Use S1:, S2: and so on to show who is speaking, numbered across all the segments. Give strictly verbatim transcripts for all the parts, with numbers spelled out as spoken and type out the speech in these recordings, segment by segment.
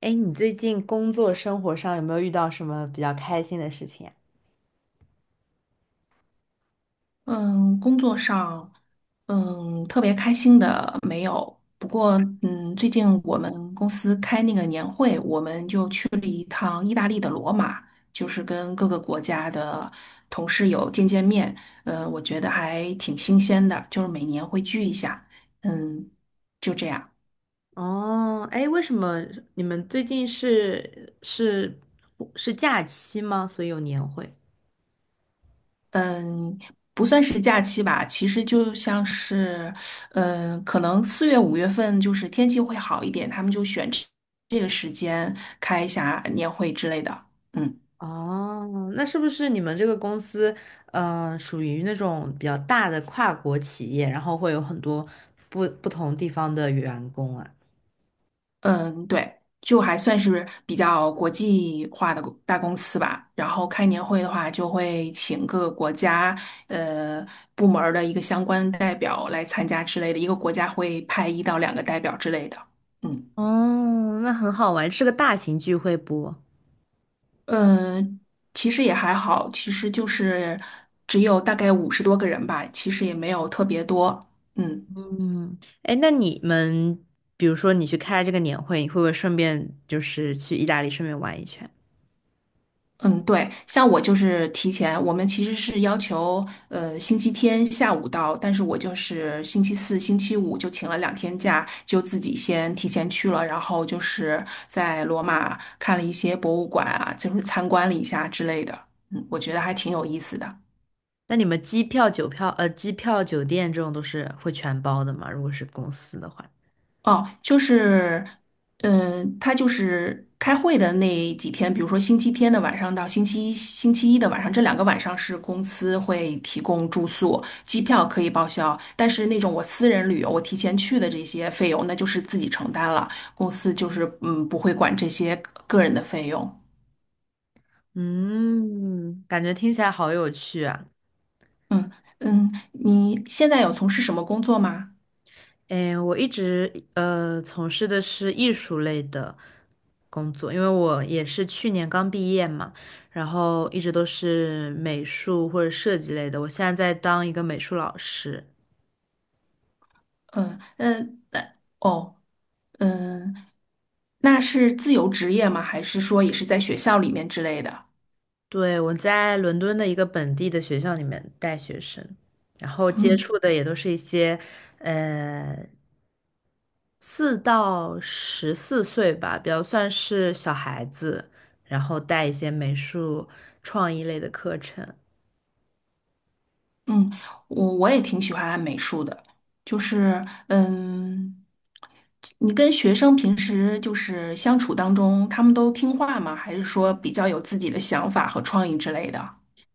S1: 哎，你最近工作生活上有没有遇到什么比较开心的事情呀。
S2: 嗯，工作上，嗯，特别开心的没有。不过，嗯，最近我们公司开那个年会，我们就去了一趟意大利的罗马，就是跟各个国家的同事有见见面。呃，我觉得还挺新鲜的，就是每年会聚一下。嗯，就这样。
S1: 哦，哎，为什么你们最近是是是假期吗？所以有年会。
S2: 嗯，不算是假期吧，其实就像是，嗯，可能四月、五月份就是天气会好一点，他们就选这这个时间开一下年会之类的。嗯
S1: 哦，那是不是你们这个公司，呃，属于那种比较大的跨国企业，然后会有很多不不同地方的员工啊？
S2: 嗯，对，就还算是比较国际化的公大公司吧。然后开年会的话，就会请各个国家呃部门儿的一个相关代表来参加之类的，一个国家会派一到两个代表之类的。嗯。
S1: 哦，那很好玩，是个大型聚会不？
S2: 嗯，其实也还好，其实就是只有大概五十多个人吧，其实也没有特别多。嗯
S1: 嗯，哎，那你们，比如说你去开这个年会，你会不会顺便就是去意大利顺便玩一圈？
S2: 嗯，对，像我就是提前，我们其实是要求呃星期天下午到，但是我就是星期四、星期五就请了两天假，就自己先提前去了，然后就是在罗马看了一些博物馆啊，就是参观了一下之类的。嗯，我觉得还挺有意思的。
S1: 那你们机票、酒票，呃，机票、酒店这种都是会全包的吗？如果是公司的话，
S2: 哦，就是，嗯、他就是开会的那几天，比如说星期天的晚上到星期一、星期一的晚上，这两个晚上是公司会提供住宿，机票可以报销，但是那种我私人旅游，我提前去的这些费用，那就是自己承担了，公司就是嗯不会管这些个人的费用。
S1: 嗯，感觉听起来好有趣啊。
S2: 嗯嗯，你现在有从事什么工作吗？
S1: 哎，我一直呃从事的是艺术类的工作，因为我也是去年刚毕业嘛，然后一直都是美术或者设计类的，我现在在当一个美术老师。
S2: 嗯嗯，那哦嗯，那是自由职业吗？还是说也是在学校里面之类的？
S1: 对，我在伦敦的一个本地的学校里面带学生，然后接
S2: 嗯
S1: 触的也都是一些，呃，四到十四岁吧，比较算是小孩子，然后带一些美术创意类的课程。
S2: 嗯，我我也挺喜欢美术的，就是嗯，你跟学生平时就是相处当中，他们都听话吗？还是说比较有自己的想法和创意之类的？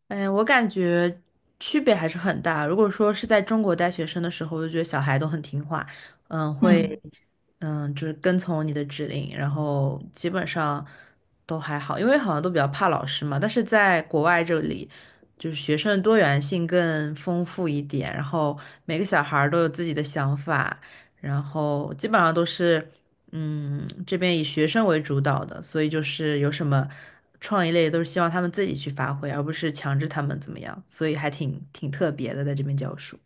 S1: 哎，我感觉区别还是很大。如果说是在中国带学生的时候，我就觉得小孩都很听话，嗯，会，
S2: 嗯，
S1: 嗯，就是跟从你的指令，然后基本上都还好，因为好像都比较怕老师嘛。但是在国外这里，就是学生的多元性更丰富一点，然后每个小孩儿都有自己的想法，然后基本上都是。嗯，这边以学生为主导的，所以就是有什么创意类都是希望他们自己去发挥，而不是强制他们怎么样，所以还挺挺特别的，在这边教书。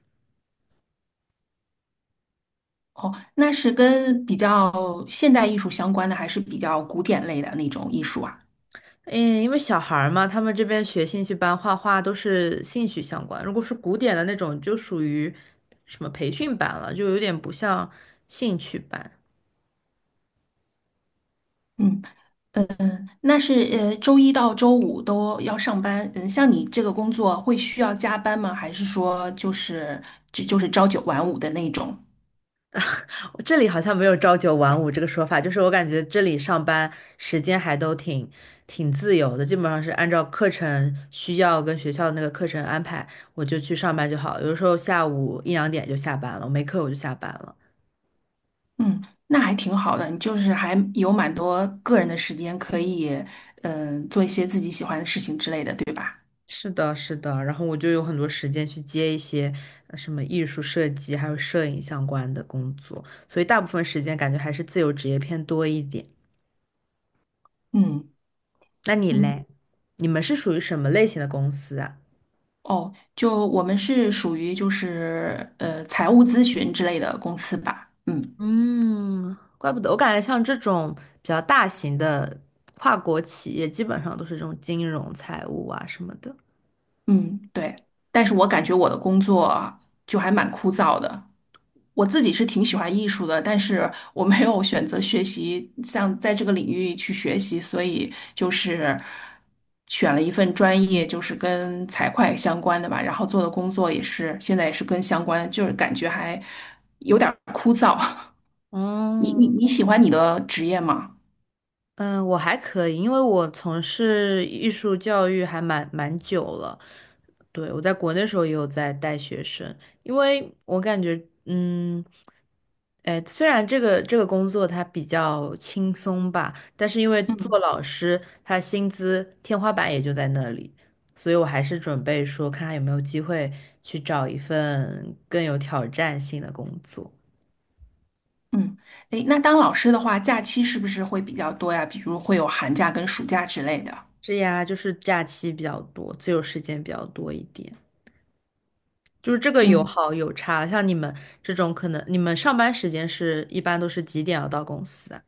S2: 哦，那是跟比较现代艺术相关的，还是比较古典类的那种艺术啊？
S1: 嗯，因为小孩儿嘛，他们这边学兴趣班画画都是兴趣相关，如果是古典的那种，就属于什么培训班了，就有点不像兴趣班。
S2: 嗯，那是呃，周一到周五都要上班。嗯，像你这个工作会需要加班吗？还是说就是就就是朝九晚五的那种？
S1: 我这里好像没有朝九晚五这个说法，就是我感觉这里上班时间还都挺挺自由的，基本上是按照课程需要跟学校的那个课程安排，我就去上班就好。有的时候下午一两点就下班了，我没课我就下班了。
S2: 嗯，那还挺好的，你就是还有蛮多个人的时间可以，嗯、做一些自己喜欢的事情之类的，对吧？
S1: 是的，是的，然后我就有很多时间去接一些呃什么艺术设计还有摄影相关的工作，所以大部分时间感觉还是自由职业偏多一点。
S2: 嗯
S1: 那你
S2: 嗯，
S1: 嘞？你们是属于什么类型的公司啊？
S2: 哦，就我们是属于就是呃财务咨询之类的公司吧，嗯。
S1: 嗯，怪不得，我感觉像这种比较大型的跨国企业，基本上都是这种金融、财务啊什么的。
S2: 嗯，对，但是我感觉我的工作就还蛮枯燥的。我自己是挺喜欢艺术的，但是我没有选择学习，像在这个领域去学习，所以就是选了一份专业，就是跟财会相关的吧。然后做的工作也是现在也是跟相关，就是感觉还有点儿枯燥。你你
S1: 嗯。
S2: 你喜欢你的职业吗？
S1: 嗯，我还可以，因为我从事艺术教育还蛮蛮久了。对，我在国内时候也有在带学生，因为我感觉，嗯，哎，虽然这个这个工作它比较轻松吧，但是因为做
S2: 嗯
S1: 老师，他薪资天花板也就在那里，所以我还是准备说，看看有没有机会去找一份更有挑战性的工作。
S2: 嗯，诶，那当老师的话，假期是不是会比较多呀？比如会有寒假跟暑假之类的。
S1: 是呀，就是假期比较多，自由时间比较多一点。就是这个有
S2: 嗯。
S1: 好有差，像你们这种可能，你们上班时间是一般都是几点要到公司啊？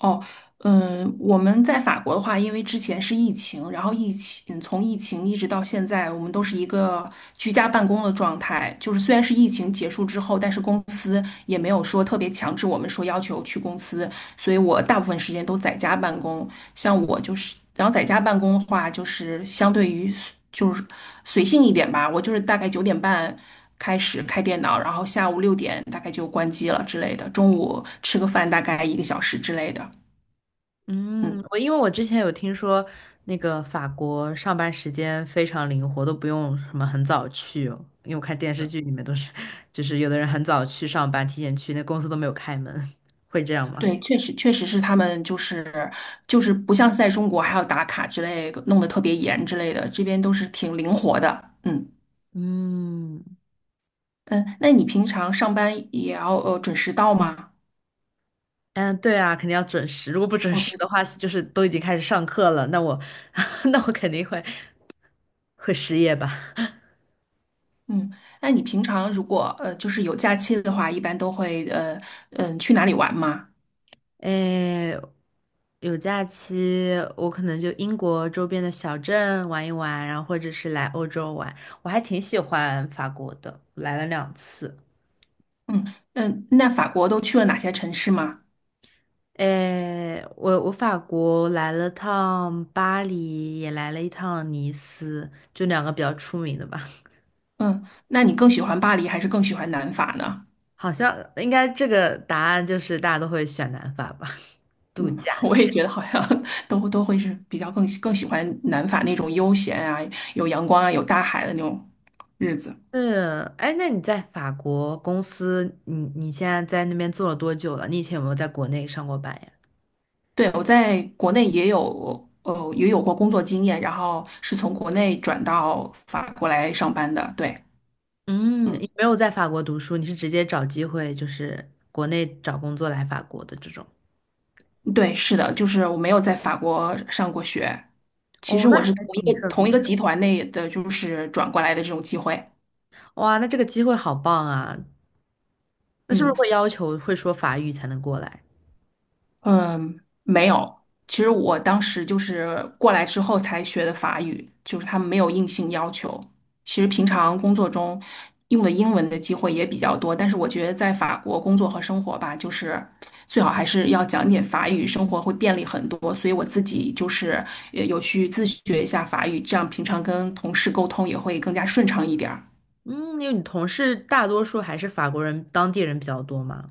S2: 哦，嗯，我们在法国的话，因为之前是疫情，然后疫情嗯，从疫情一直到现在，我们都是一个居家办公的状态。就是虽然是疫情结束之后，但是公司也没有说特别强制我们说要求去公司，所以我大部分时间都在家办公。像我就是，然后在家办公的话，就是相对于就是随性一点吧，我就是大概九点半。开始开电脑，然后下午六点大概就关机了之类的，中午吃个饭大概一个小时之类的。
S1: 嗯，
S2: 嗯，
S1: 我因为我之前有听说那个法国上班时间非常灵活，都不用什么很早去哦，因为我看电视剧里面都是，就是有的人很早去上班，提前去，那公司都没有开门，会这样吗？
S2: 对，确实确实是他们就是就是不像在中国还要打卡之类的弄得特别严之类的，这边都是挺灵活的。嗯
S1: 嗯
S2: 嗯，那你平常上班也要呃准时到吗？
S1: 嗯，对啊，肯定要准时，如果不准
S2: 哦，
S1: 时
S2: 对，
S1: 的话，就是都已经开始上课了，那我 那我肯定会会失业吧。
S2: 嗯，那你平常如果呃就是有假期的话，一般都会呃嗯、呃去哪里玩吗？
S1: 诶，有假期，我可能就英国周边的小镇玩一玩，然后或者是来欧洲玩。我还挺喜欢法国的，来了两次。
S2: 嗯嗯，那法国都去了哪些城市吗？
S1: 诶，我我法国来了趟巴黎，也来了一趟尼斯，就两个比较出名的吧。
S2: 嗯，那你更喜欢巴黎还是更喜欢南法呢？
S1: 好像应该这个答案就是大家都会选南法吧，度
S2: 嗯，
S1: 假。
S2: 我也觉得好像 都都会是比较更喜更喜欢南法那种悠闲啊，有阳光啊，有大海的那种日子。
S1: 是，哎，那你在法国公司，你你现在在那边做了多久了？你以前有没有在国内上过班呀？
S2: 对，我在国内也有呃也有过工作经验，然后是从国内转到法国来上班的。对，
S1: 嗯，
S2: 嗯，
S1: 你没有在法国读书，你是直接找机会，就是国内找工作来法国的这种。
S2: 对，是的，就是我没有在法国上过学，其
S1: 哦，
S2: 实
S1: 那
S2: 我是同
S1: 还
S2: 一
S1: 挺
S2: 个
S1: 特
S2: 同一
S1: 别。
S2: 个集团内的，就是转过来的这种机会。
S1: 哇，那这个机会好棒啊！那是不
S2: 嗯。
S1: 是会要求会说法语才能过来？
S2: 嗯，没有。其实我当时就是过来之后才学的法语，就是他们没有硬性要求。其实平常工作中用的英文的机会也比较多，但是我觉得在法国工作和生活吧，就是最好还是要讲点法语，生活会便利很多。所以我自己就是也有去自学一下法语，这样平常跟同事沟通也会更加顺畅一点儿。
S1: 嗯，因为你同事大多数还是法国人，当地人比较多嘛。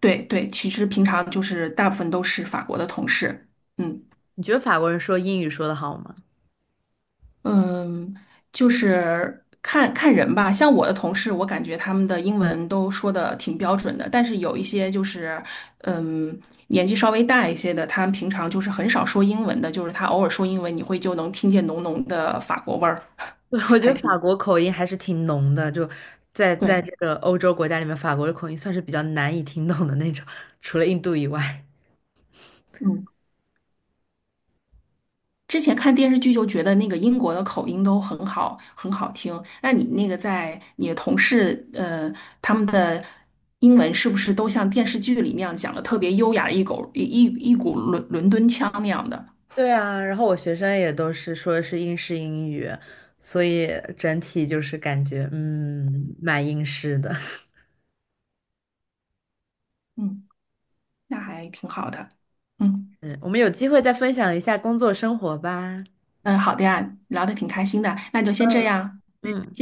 S2: 对对，其实平常就是大部分都是法国的同事，嗯。
S1: 你觉得法国人说英语说得好吗？
S2: 嗯，就是看看人吧。像我的同事，我感觉他们的英文都说的挺标准的，但是有一些就是，嗯，年纪稍微大一些的，他们平常就是很少说英文的，就是他偶尔说英文，你会就能听见浓浓的法国味儿，
S1: 对，我
S2: 还
S1: 觉得
S2: 挺
S1: 法国口音还是挺浓的，就在在
S2: 对。
S1: 这个欧洲国家里面，法国的口音算是比较难以听懂的那种，除了印度以外。
S2: 嗯。之前看电视剧就觉得那个英国的口音都很好，很好听。那你那个在你的同事，呃，他们的英文是不是都像电视剧里那样讲的特别优雅的一口一一一股伦伦敦腔那样的？
S1: 对啊，然后我学生也都是说的是英式英语，所以整体就是感觉嗯蛮英式的。
S2: 嗯，那还挺好的。嗯
S1: 嗯，我们有机会再分享一下工作生活吧。
S2: 嗯，好的呀，聊得挺开心的，那就先这
S1: 嗯。
S2: 样。再
S1: 嗯。
S2: 见。